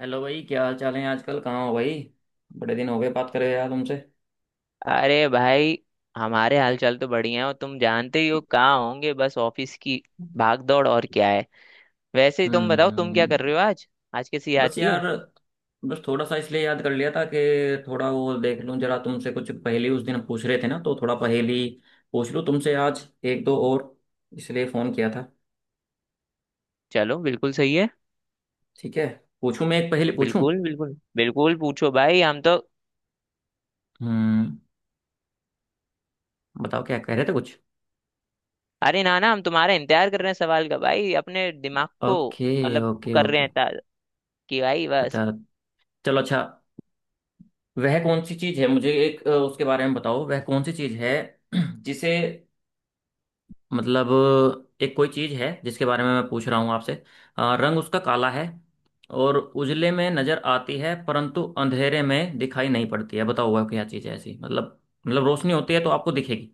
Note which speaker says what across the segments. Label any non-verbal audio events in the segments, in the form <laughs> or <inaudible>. Speaker 1: Hello भाई, क्या हाल चाल है आजकल? कहाँ हो भाई? बड़े दिन हो गए बात करे यार तुमसे।
Speaker 2: अरे भाई हमारे हालचाल तो बढ़िया है। और तुम जानते ही हो कहाँ होंगे, बस ऑफिस की भाग दौड़ और क्या है। वैसे ही तुम बताओ, तुम क्या
Speaker 1: हम्म।
Speaker 2: कर रहे हो आज? आज कैसे याद
Speaker 1: बस
Speaker 2: किए?
Speaker 1: यार, बस थोड़ा सा इसलिए याद कर लिया था कि थोड़ा वो देख लूं जरा तुमसे, कुछ पहेली उस दिन पूछ रहे थे ना, तो थोड़ा पहेली पूछ लूं तुमसे आज एक दो और, इसलिए फोन किया था।
Speaker 2: चलो बिल्कुल सही है।
Speaker 1: ठीक है। पूछूं? मैं एक पहेली पूछूं?
Speaker 2: बिल्कुल बिल्कुल बिल्कुल पूछो भाई, हम तो
Speaker 1: हम्म। बताओ, क्या कह रहे थे कुछ?
Speaker 2: अरे ना ना हम तुम्हारा इंतजार कर रहे हैं सवाल का, भाई अपने दिमाग को
Speaker 1: ओके।
Speaker 2: मतलब वो
Speaker 1: ओके
Speaker 2: कर रहे
Speaker 1: ओके।
Speaker 2: हैं ताज़ कि भाई बस।
Speaker 1: अच्छा। चलो अच्छा। वह कौन सी चीज है, मुझे एक उसके बारे में बताओ, वह कौन सी चीज है <clears throat> जिसे, मतलब, एक कोई चीज है जिसके बारे में मैं पूछ रहा हूँ आपसे। रंग उसका काला है और उजले में नजर आती है परंतु अंधेरे में दिखाई नहीं पड़ती है। बताओ वह क्या चीज है ऐसी, मतलब? मतलब रोशनी होती है तो आपको दिखेगी,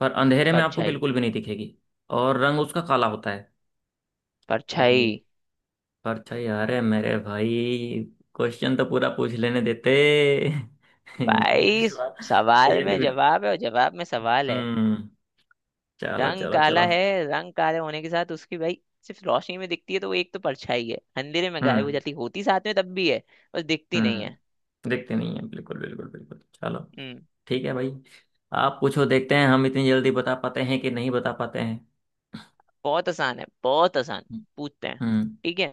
Speaker 1: पर अंधेरे में आपको
Speaker 2: परछाई।
Speaker 1: बिल्कुल भी नहीं दिखेगी और रंग उसका काला होता है।
Speaker 2: परछाई।
Speaker 1: तो परछाई! अरे मेरे भाई, क्वेश्चन तो पूरा पूछ लेने देते। <laughs>
Speaker 2: भाई
Speaker 1: इंग्लिश वाला
Speaker 2: सवाल
Speaker 1: तैयारी
Speaker 2: में
Speaker 1: भी-।
Speaker 2: जवाब है और जवाब में सवाल है।
Speaker 1: हम्म। चलो
Speaker 2: रंग
Speaker 1: चलो चलो।
Speaker 2: काला है, रंग काले होने के साथ उसकी भाई सिर्फ रोशनी में दिखती है, तो वो एक तो परछाई है, अंधेरे में गायब हो
Speaker 1: हम्म।
Speaker 2: जाती होती साथ में तब भी है, बस दिखती नहीं है।
Speaker 1: हम्म, देखते नहीं है बिल्कुल बिल्कुल बिल्कुल। चलो
Speaker 2: हम्म।
Speaker 1: ठीक है भाई। आप पूछो, देखते हैं हम इतनी जल्दी बता पाते हैं कि नहीं बता पाते हैं।
Speaker 2: बहुत आसान है, बहुत आसान। पूछते हैं।
Speaker 1: हम्म।
Speaker 2: ठीक है।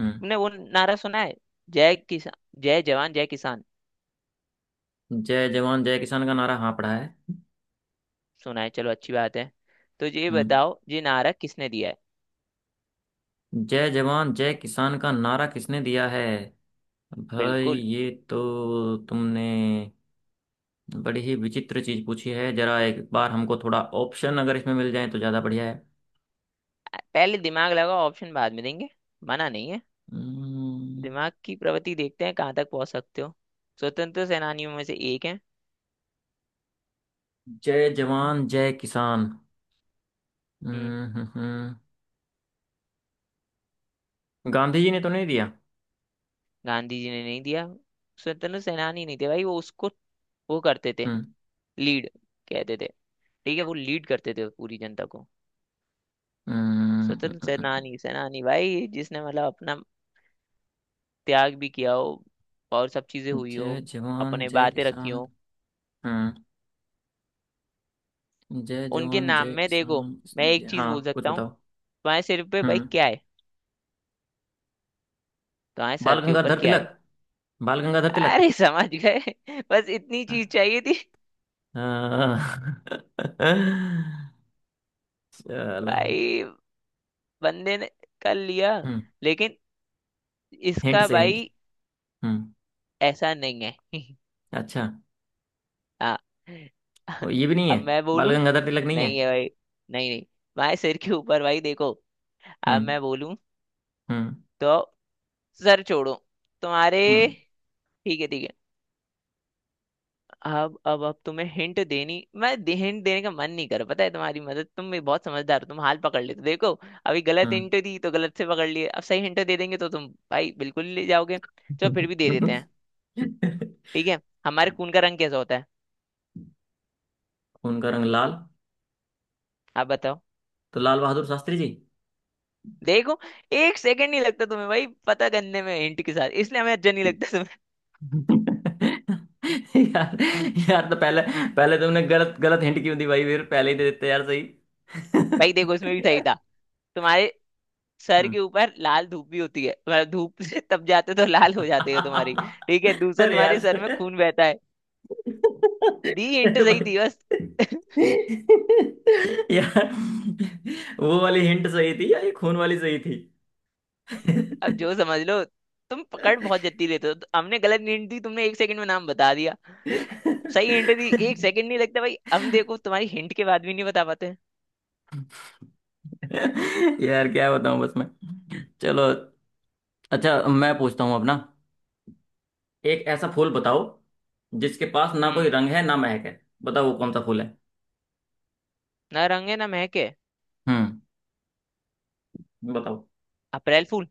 Speaker 1: हम्म।
Speaker 2: तुमने वो नारा सुना है, जय किसान, जय जवान जय किसान।
Speaker 1: जय जवान जय किसान का नारा, हाँ पढ़ा है।
Speaker 2: सुना है? चलो अच्छी बात है। तो ये
Speaker 1: हम्म।
Speaker 2: बताओ, ये नारा किसने दिया है?
Speaker 1: जय जवान जय किसान का नारा किसने दिया है? भाई
Speaker 2: बिल्कुल।
Speaker 1: ये तो तुमने बड़ी ही विचित्र चीज पूछी है। जरा एक बार हमको थोड़ा ऑप्शन अगर इसमें मिल जाए तो ज्यादा बढ़िया है।
Speaker 2: पहले दिमाग लगाओ, ऑप्शन बाद में देंगे, मना नहीं है।
Speaker 1: हम्म।
Speaker 2: दिमाग की प्रवृत्ति देखते हैं कहाँ तक पहुंच सकते हो। स्वतंत्र सेनानियों में से एक है।
Speaker 1: जय जवान जय किसान।
Speaker 2: हम्म,
Speaker 1: हम्म। हम्म। हम्म। गांधी जी ने तो नहीं दिया।
Speaker 2: गांधी जी ने नहीं दिया। स्वतंत्र सेनानी नहीं थे भाई वो, उसको वो करते थे
Speaker 1: हम्म।
Speaker 2: लीड, कहते थे। ठीक है, वो लीड करते थे पूरी जनता को।
Speaker 1: हम्म। हम्म।
Speaker 2: स्वतंत्र
Speaker 1: हम्म।
Speaker 2: सेनानी सेनानी भाई जिसने मतलब अपना त्याग भी किया हो और सब चीजें
Speaker 1: हम्म।
Speaker 2: हुई हो,
Speaker 1: जय जवान
Speaker 2: अपने
Speaker 1: जय
Speaker 2: बातें रखी
Speaker 1: किसान।
Speaker 2: हो।
Speaker 1: हम्म। जय
Speaker 2: उनके
Speaker 1: जवान
Speaker 2: नाम
Speaker 1: जय
Speaker 2: में देखो,
Speaker 1: किसान,
Speaker 2: मैं
Speaker 1: इसमें जय,
Speaker 2: एक चीज
Speaker 1: हाँ
Speaker 2: बोल
Speaker 1: कुछ
Speaker 2: सकता हूँ।
Speaker 1: बताओ।
Speaker 2: तुम्हारे सिर पे भाई
Speaker 1: हम्म।
Speaker 2: क्या है? तुम्हारे सर
Speaker 1: बाल
Speaker 2: के ऊपर
Speaker 1: गंगाधर
Speaker 2: क्या
Speaker 1: तिलक।
Speaker 2: है?
Speaker 1: बाल गंगाधर तिलक।
Speaker 2: अरे समझ गए। <laughs> बस इतनी चीज
Speaker 1: हाँ।
Speaker 2: चाहिए थी।
Speaker 1: <laughs> चलो।
Speaker 2: भाई बंदे ने कर लिया,
Speaker 1: हम्म।
Speaker 2: लेकिन
Speaker 1: हिंट
Speaker 2: इसका
Speaker 1: से हिंट।
Speaker 2: भाई
Speaker 1: हम्म।
Speaker 2: ऐसा नहीं है। <laughs>
Speaker 1: अच्छा।
Speaker 2: हाँ।
Speaker 1: वो
Speaker 2: <laughs>
Speaker 1: ये भी नहीं है?
Speaker 2: अब मैं
Speaker 1: बाल
Speaker 2: बोलूं?
Speaker 1: गंगाधर तिलक नहीं है?
Speaker 2: नहीं है भाई। नहीं नहीं तुम्हारे सिर के ऊपर भाई देखो। अब
Speaker 1: हम्म।
Speaker 2: मैं बोलूं?
Speaker 1: हम्म।
Speaker 2: तो सर छोड़ो तुम्हारे।
Speaker 1: हम्म।
Speaker 2: ठीक है, ठीक है। अब तुम्हें हिंट देनी, मैं हिंट देने का मन नहीं कर रहा, पता है तुम्हारी मदद, तुम भी बहुत समझदार हो, तुम हाल पकड़ लेते हो। देखो, अभी गलत
Speaker 1: हम्म।
Speaker 2: हिंट दी तो गलत से पकड़ लिए, अब सही हिंट दे देंगे तो तुम भाई बिल्कुल ले जाओगे। चलो फिर भी दे देते
Speaker 1: <laughs>
Speaker 2: हैं। ठीक है, हमारे खून का रंग कैसा होता है?
Speaker 1: खून का रंग लाल।
Speaker 2: आप बताओ।
Speaker 1: तो लाल बहादुर शास्त्री जी।
Speaker 2: देखो, एक सेकंड नहीं लगता तुम्हें भाई पता करने में हिंट के साथ, इसलिए हमें अच्छा नहीं लगता तुम्हें।
Speaker 1: यार, यार तो पहले, पहले तुमने गलत गलत हिंट क्यों दी भाई? फिर पहले ही दे देते यार सही। हम्म।
Speaker 2: <laughs> भाई देखो इसमें भी सही था। तुम्हारे सर के ऊपर लाल धूप भी होती है, तुम्हारा धूप से तप जाते हो तो लाल हो जाती है तुम्हारी, ठीक है। दूसरा,
Speaker 1: अरे
Speaker 2: तुम्हारे सर में
Speaker 1: यार।
Speaker 2: खून बहता है, दी हिंट
Speaker 1: अरे
Speaker 2: सही
Speaker 1: भाई।
Speaker 2: थी बस। <laughs>
Speaker 1: यार, वो वाली हिंट सही थी या ये खून वाली सही थी?
Speaker 2: अब जो समझ लो। तुम पकड़ बहुत जल्दी लेते हो तो हमने गलत हिंट दी, तुमने एक सेकंड में नाम बता दिया। सही हिंट दी, एक सेकंड नहीं लगता भाई, हम देखो तुम्हारी हिंट के बाद भी नहीं बता पाते।
Speaker 1: यार क्या बताऊं, बस मैं, चलो। अच्छा मैं पूछता हूँ अपना। एक ऐसा फूल बताओ जिसके पास ना
Speaker 2: हम्म।
Speaker 1: कोई रंग है ना महक है। बताओ वो कौन सा फूल है?
Speaker 2: ना रंग है ना महक है,
Speaker 1: हम्म। बताओ।
Speaker 2: अप्रैल फूल।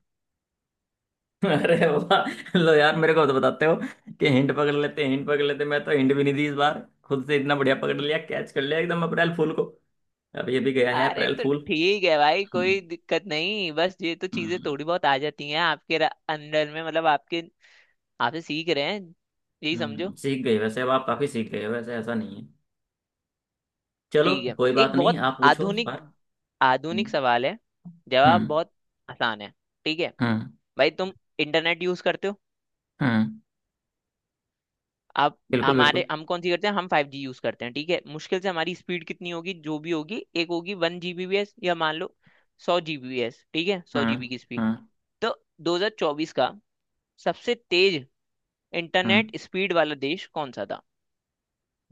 Speaker 1: <laughs> अरे बाबा, लो यार, मेरे को तो बताते हो कि हिंट पकड़ लेते, हिंट पकड़ लेते, मैं तो हिंट भी नहीं दी इस बार, खुद से इतना बढ़िया पकड़ लिया, कैच कर लिया एकदम अप्रैल फूल को। अब ये भी गया है
Speaker 2: अरे
Speaker 1: अप्रैल
Speaker 2: तो
Speaker 1: फूल।
Speaker 2: ठीक है भाई,
Speaker 1: हम्म।
Speaker 2: कोई दिक्कत नहीं, बस ये तो चीजें
Speaker 1: हम्म।
Speaker 2: थोड़ी बहुत आ जाती हैं आपके अंडर में, मतलब आपके आपसे सीख रहे हैं, यही समझो।
Speaker 1: सीख गए वैसे। अब आप काफी सीख गए हो, वैसे ऐसा नहीं है। चलो
Speaker 2: ठीक है,
Speaker 1: कोई बात
Speaker 2: एक
Speaker 1: नहीं,
Speaker 2: बहुत
Speaker 1: आप पूछो इस
Speaker 2: आधुनिक
Speaker 1: बार।
Speaker 2: आधुनिक
Speaker 1: हम्म।
Speaker 2: सवाल है, जवाब
Speaker 1: हम्म।
Speaker 2: बहुत आसान है, ठीक है।
Speaker 1: हम्म।
Speaker 2: भाई तुम इंटरनेट यूज करते हो?
Speaker 1: हम्म,
Speaker 2: आप
Speaker 1: बिल्कुल बिल्कुल।
Speaker 2: हमारे हम कौन सी करते हैं, हम फाइव जी यूज करते हैं, ठीक है। मुश्किल से हमारी स्पीड कितनी होगी, जो भी होगी, एक होगी वन जीबीपीएस, या मान लो सौ जीबीपीएस, ठीक है, सौ
Speaker 1: हम्म।
Speaker 2: जीबी की स्पीड।
Speaker 1: हम्म।
Speaker 2: तो 2024 का सबसे तेज
Speaker 1: हम्म।
Speaker 2: इंटरनेट स्पीड वाला देश कौन सा था?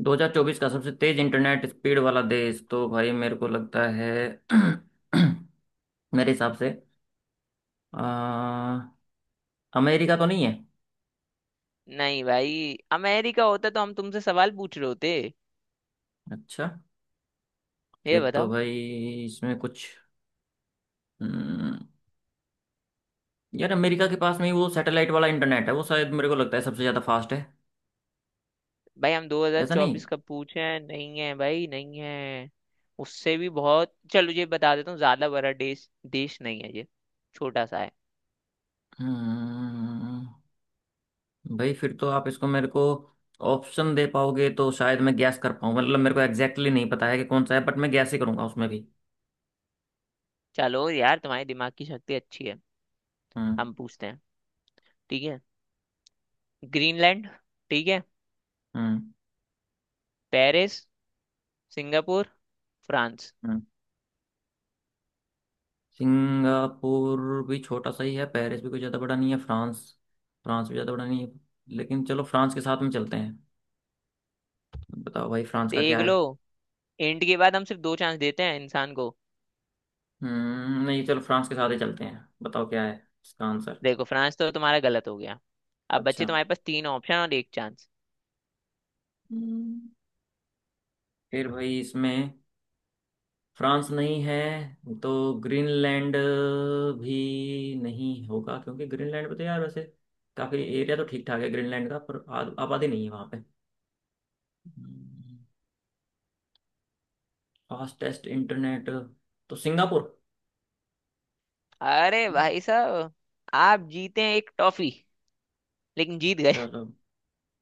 Speaker 1: 2024 का सबसे तेज इंटरनेट स्पीड वाला देश तो भाई, मेरे को लगता है <clears throat> मेरे हिसाब से आ, अमेरिका तो नहीं है?
Speaker 2: नहीं भाई, अमेरिका होता तो हम तुमसे सवाल पूछ रहे होते?
Speaker 1: अच्छा।
Speaker 2: ये
Speaker 1: फिर तो
Speaker 2: बताओ।
Speaker 1: भाई इसमें कुछ, हम्म, यार अमेरिका के पास में ही वो सैटेलाइट वाला इंटरनेट है, वो शायद मेरे को लगता है सबसे ज़्यादा फास्ट है।
Speaker 2: भाई हम
Speaker 1: ऐसा नहीं।
Speaker 2: 2024 का पूछे हैं, नहीं है भाई, नहीं है। उससे भी बहुत, चलो ये बता देता हूँ, ज्यादा बड़ा देश, देश नहीं है ये, छोटा सा है।
Speaker 1: हम्म, भाई फिर तो आप इसको मेरे को ऑप्शन दे पाओगे तो शायद मैं गैस कर पाऊँ। मतलब मेरे को एग्जैक्टली exactly नहीं पता है कि कौन सा है, बट मैं गैस ही करूंगा उसमें भी।
Speaker 2: चलो यार तुम्हारे दिमाग की शक्ति अच्छी है।
Speaker 1: हम्म।
Speaker 2: हम पूछते हैं, ठीक है। ग्रीनलैंड, ठीक है,
Speaker 1: हम्म।
Speaker 2: Paris, Singapore, France.
Speaker 1: हम्म। सिंगापुर भी छोटा सा ही है, पेरिस भी कोई ज़्यादा बड़ा नहीं है, फ्रांस, फ्रांस भी ज़्यादा बड़ा नहीं है, लेकिन चलो फ्रांस के साथ में चलते हैं। बताओ भाई फ्रांस का
Speaker 2: देख
Speaker 1: क्या
Speaker 2: लो,
Speaker 1: है?
Speaker 2: इंट के बाद हम सिर्फ दो चांस देते हैं इंसान को।
Speaker 1: हम्म, नहीं चलो फ्रांस के साथ ही चलते हैं। बताओ क्या है इसका आंसर।
Speaker 2: देखो फ्रांस तो तुम्हारा गलत हो गया, अब बच्चे
Speaker 1: अच्छा।
Speaker 2: तुम्हारे पास तीन ऑप्शन और एक चांस।
Speaker 1: हम्म, फिर भाई इसमें फ्रांस नहीं है तो ग्रीनलैंड भी नहीं होगा, क्योंकि ग्रीनलैंड पे तो यार वैसे काफ़ी एरिया तो ठीक ठाक है ग्रीनलैंड का, पर आबादी नहीं है वहाँ पे। फास्टेस्ट इंटरनेट, तो सिंगापुर।
Speaker 2: अरे भाई साहब, आप जीते हैं एक टॉफी, लेकिन जीत गए। <laughs>
Speaker 1: चलो।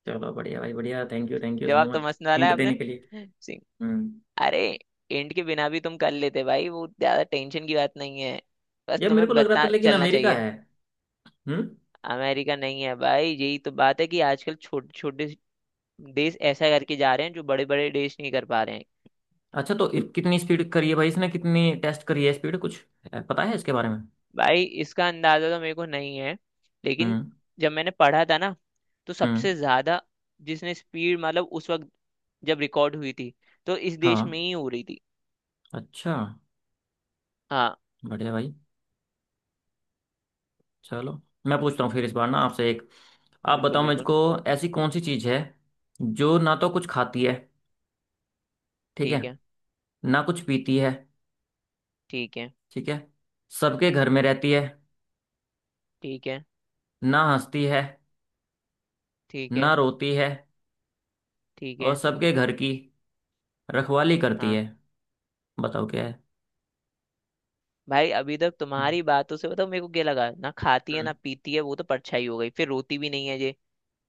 Speaker 1: चलो बढ़िया भाई बढ़िया। Thank you, thank you so
Speaker 2: जवाब तो
Speaker 1: मच
Speaker 2: मस्त डाला है
Speaker 1: हिंट
Speaker 2: आपने,
Speaker 1: देने के लिए।
Speaker 2: सिंह।
Speaker 1: हम्म।
Speaker 2: अरे एंड के बिना भी तुम कर लेते भाई, वो ज्यादा टेंशन की बात नहीं है, बस
Speaker 1: यार मेरे को
Speaker 2: तुम्हें
Speaker 1: लग रहा था
Speaker 2: बता
Speaker 1: लेकिन
Speaker 2: चलना
Speaker 1: अमेरिका
Speaker 2: चाहिए।
Speaker 1: है। हम्म।
Speaker 2: अमेरिका नहीं है भाई, यही तो बात है कि आजकल छोटे छोटे देश ऐसा करके जा रहे हैं जो बड़े बड़े देश नहीं कर पा रहे हैं।
Speaker 1: अच्छा तो कितनी स्पीड करी है भाई इसने? कितनी टेस्ट करी है स्पीड, कुछ है, पता है इसके बारे में?
Speaker 2: भाई इसका अंदाजा तो मेरे को नहीं है, लेकिन
Speaker 1: हम्म।
Speaker 2: जब मैंने पढ़ा था ना तो
Speaker 1: हम्म।
Speaker 2: सबसे ज्यादा जिसने स्पीड मतलब उस वक्त, जब रिकॉर्ड हुई थी, तो इस देश
Speaker 1: हाँ।
Speaker 2: में ही हो रही थी।
Speaker 1: अच्छा।
Speaker 2: हाँ।
Speaker 1: बढ़िया भाई। चलो। मैं पूछता हूँ फिर इस बार ना आपसे एक। आप
Speaker 2: बिल्कुल
Speaker 1: बताओ
Speaker 2: बिल्कुल।
Speaker 1: मुझको। ऐसी कौन सी चीज़ है जो ना तो कुछ खाती है, ठीक है,
Speaker 2: ठीक है,
Speaker 1: ना कुछ पीती है,
Speaker 2: ठीक है।
Speaker 1: ठीक है, सबके घर में रहती है,
Speaker 2: ठीक है।
Speaker 1: ना हंसती है,
Speaker 2: ठीक
Speaker 1: ना
Speaker 2: है।
Speaker 1: रोती है,
Speaker 2: ठीक
Speaker 1: और
Speaker 2: है।
Speaker 1: सबके घर की रखवाली करती
Speaker 2: हाँ।
Speaker 1: है, बताओ क्या है?
Speaker 2: भाई अभी तक तुम्हारी बातों से बताओ मेरे को क्या लगा, ना खाती है
Speaker 1: हम्म।
Speaker 2: ना पीती है, वो तो परछाई हो गई, फिर रोती भी नहीं है ये,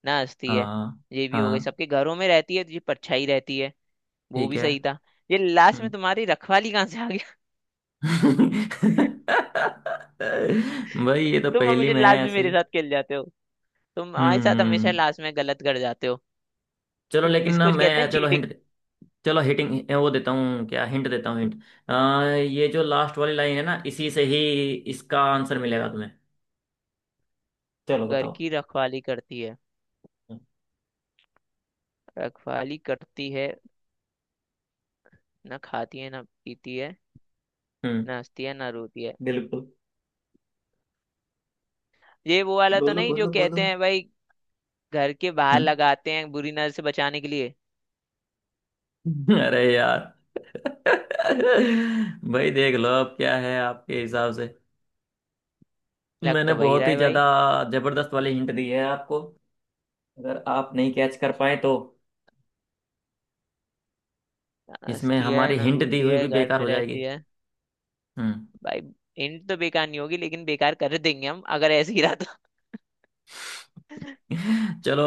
Speaker 2: ना हंसती है,
Speaker 1: हाँ।
Speaker 2: ये भी हो गई,
Speaker 1: हाँ।
Speaker 2: सबके घरों में रहती है तो ये परछाई रहती है, वो
Speaker 1: ठीक
Speaker 2: भी
Speaker 1: है।
Speaker 2: सही था। ये लास्ट में
Speaker 1: हम्म।
Speaker 2: तुम्हारी रखवाली कहाँ से आ गया?
Speaker 1: <laughs> भाई ये तो
Speaker 2: तुम
Speaker 1: पहेली
Speaker 2: हमेशा
Speaker 1: में
Speaker 2: लास्ट
Speaker 1: है
Speaker 2: में
Speaker 1: ऐसे ही।
Speaker 2: मेरे साथ खेल जाते हो, तुम हमारे साथ हमेशा
Speaker 1: हम्म।
Speaker 2: लास्ट में गलत कर जाते हो,
Speaker 1: चलो लेकिन, ना
Speaker 2: इसको जो कहते हैं
Speaker 1: मैं, चलो
Speaker 2: चीटिंग।
Speaker 1: हिंट, चलो हिटिंग वो देता हूँ, क्या हिंट देता हूँ हिंट। ये जो लास्ट वाली लाइन है ना, इसी से ही इसका आंसर मिलेगा तुम्हें। चलो
Speaker 2: घर
Speaker 1: बताओ।
Speaker 2: की रखवाली करती है, रखवाली करती है, ना खाती है ना पीती है,
Speaker 1: हम्म।
Speaker 2: ना हंसती है ना रोती है।
Speaker 1: बिल्कुल।
Speaker 2: ये वो वाला तो
Speaker 1: बोलो
Speaker 2: नहीं जो
Speaker 1: बोलो
Speaker 2: कहते
Speaker 1: बोलो।
Speaker 2: हैं भाई, घर के बाहर लगाते हैं बुरी नजर से बचाने के लिए?
Speaker 1: अरे यार। भाई देख लो अब क्या है आपके हिसाब से।
Speaker 2: लग
Speaker 1: मैंने
Speaker 2: तो वही
Speaker 1: बहुत
Speaker 2: रहा
Speaker 1: ही
Speaker 2: है
Speaker 1: ज्यादा
Speaker 2: भाई।
Speaker 1: जबरदस्त वाली हिंट दी है आपको। अगर आप नहीं कैच कर पाए तो
Speaker 2: ना
Speaker 1: इसमें
Speaker 2: हंसती है
Speaker 1: हमारी
Speaker 2: ना
Speaker 1: हिंट दी
Speaker 2: रोती
Speaker 1: हुई
Speaker 2: है,
Speaker 1: भी
Speaker 2: घर
Speaker 1: बेकार
Speaker 2: में
Speaker 1: हो
Speaker 2: रहती
Speaker 1: जाएगी।
Speaker 2: है।
Speaker 1: हम्म।
Speaker 2: भाई हिंट तो बेकार नहीं होगी, लेकिन बेकार कर देंगे हम अगर ऐसे ही रहा तो। <laughs>
Speaker 1: <laughs> चलो।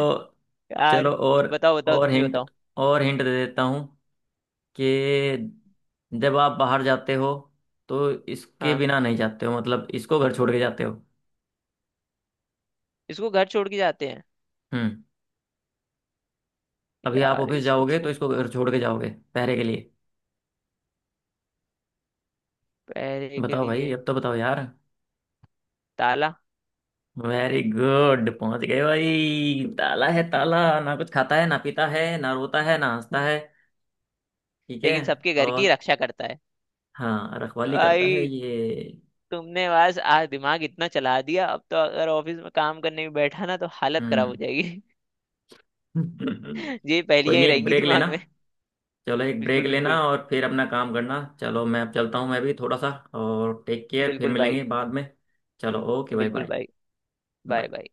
Speaker 2: यार
Speaker 1: चलो और
Speaker 2: बताओ बताओ,
Speaker 1: और
Speaker 2: तुम ही
Speaker 1: हिंट,
Speaker 2: बताओ।
Speaker 1: और हिंट दे देता हूँ कि जब आप बाहर जाते हो तो इसके
Speaker 2: हाँ,
Speaker 1: बिना नहीं जाते हो, मतलब इसको घर छोड़ के जाते हो।
Speaker 2: इसको घर छोड़ के जाते हैं।
Speaker 1: हम्म। अभी आप
Speaker 2: यार
Speaker 1: ऑफिस
Speaker 2: इसको
Speaker 1: जाओगे तो
Speaker 2: छू,
Speaker 1: इसको घर छोड़ के जाओगे पहरे के लिए।
Speaker 2: पहरे के
Speaker 1: बताओ भाई
Speaker 2: लिए,
Speaker 1: अब तो बताओ यार।
Speaker 2: ताला।
Speaker 1: वेरी गुड, पहुंच गए भाई। ताला है, ताला ना कुछ खाता है ना पीता है ना रोता है ना हंसता है। ठीक है।
Speaker 2: लेकिन सबके घर की
Speaker 1: और
Speaker 2: रक्षा करता है।
Speaker 1: हाँ, रखवाली करता है
Speaker 2: भाई
Speaker 1: ये।
Speaker 2: तुमने बस आज दिमाग इतना चला दिया, अब तो अगर ऑफिस में काम करने भी बैठा ना तो हालत खराब हो
Speaker 1: हम्म।
Speaker 2: जाएगी।
Speaker 1: <laughs> कोई
Speaker 2: <laughs> ये पहेलियां ही
Speaker 1: नहीं, एक
Speaker 2: रहेंगी
Speaker 1: ब्रेक लेना।
Speaker 2: दिमाग में।
Speaker 1: चलो एक ब्रेक
Speaker 2: बिल्कुल
Speaker 1: लेना
Speaker 2: बिल्कुल।
Speaker 1: और फिर अपना काम करना। चलो मैं अब चलता हूँ, मैं भी थोड़ा सा। और टेक केयर, फिर
Speaker 2: बिल्कुल भाई।
Speaker 1: मिलेंगे बाद में। चलो ओके भाई
Speaker 2: बिल्कुल
Speaker 1: बाय।
Speaker 2: भाई। Bye
Speaker 1: bye.
Speaker 2: बाय।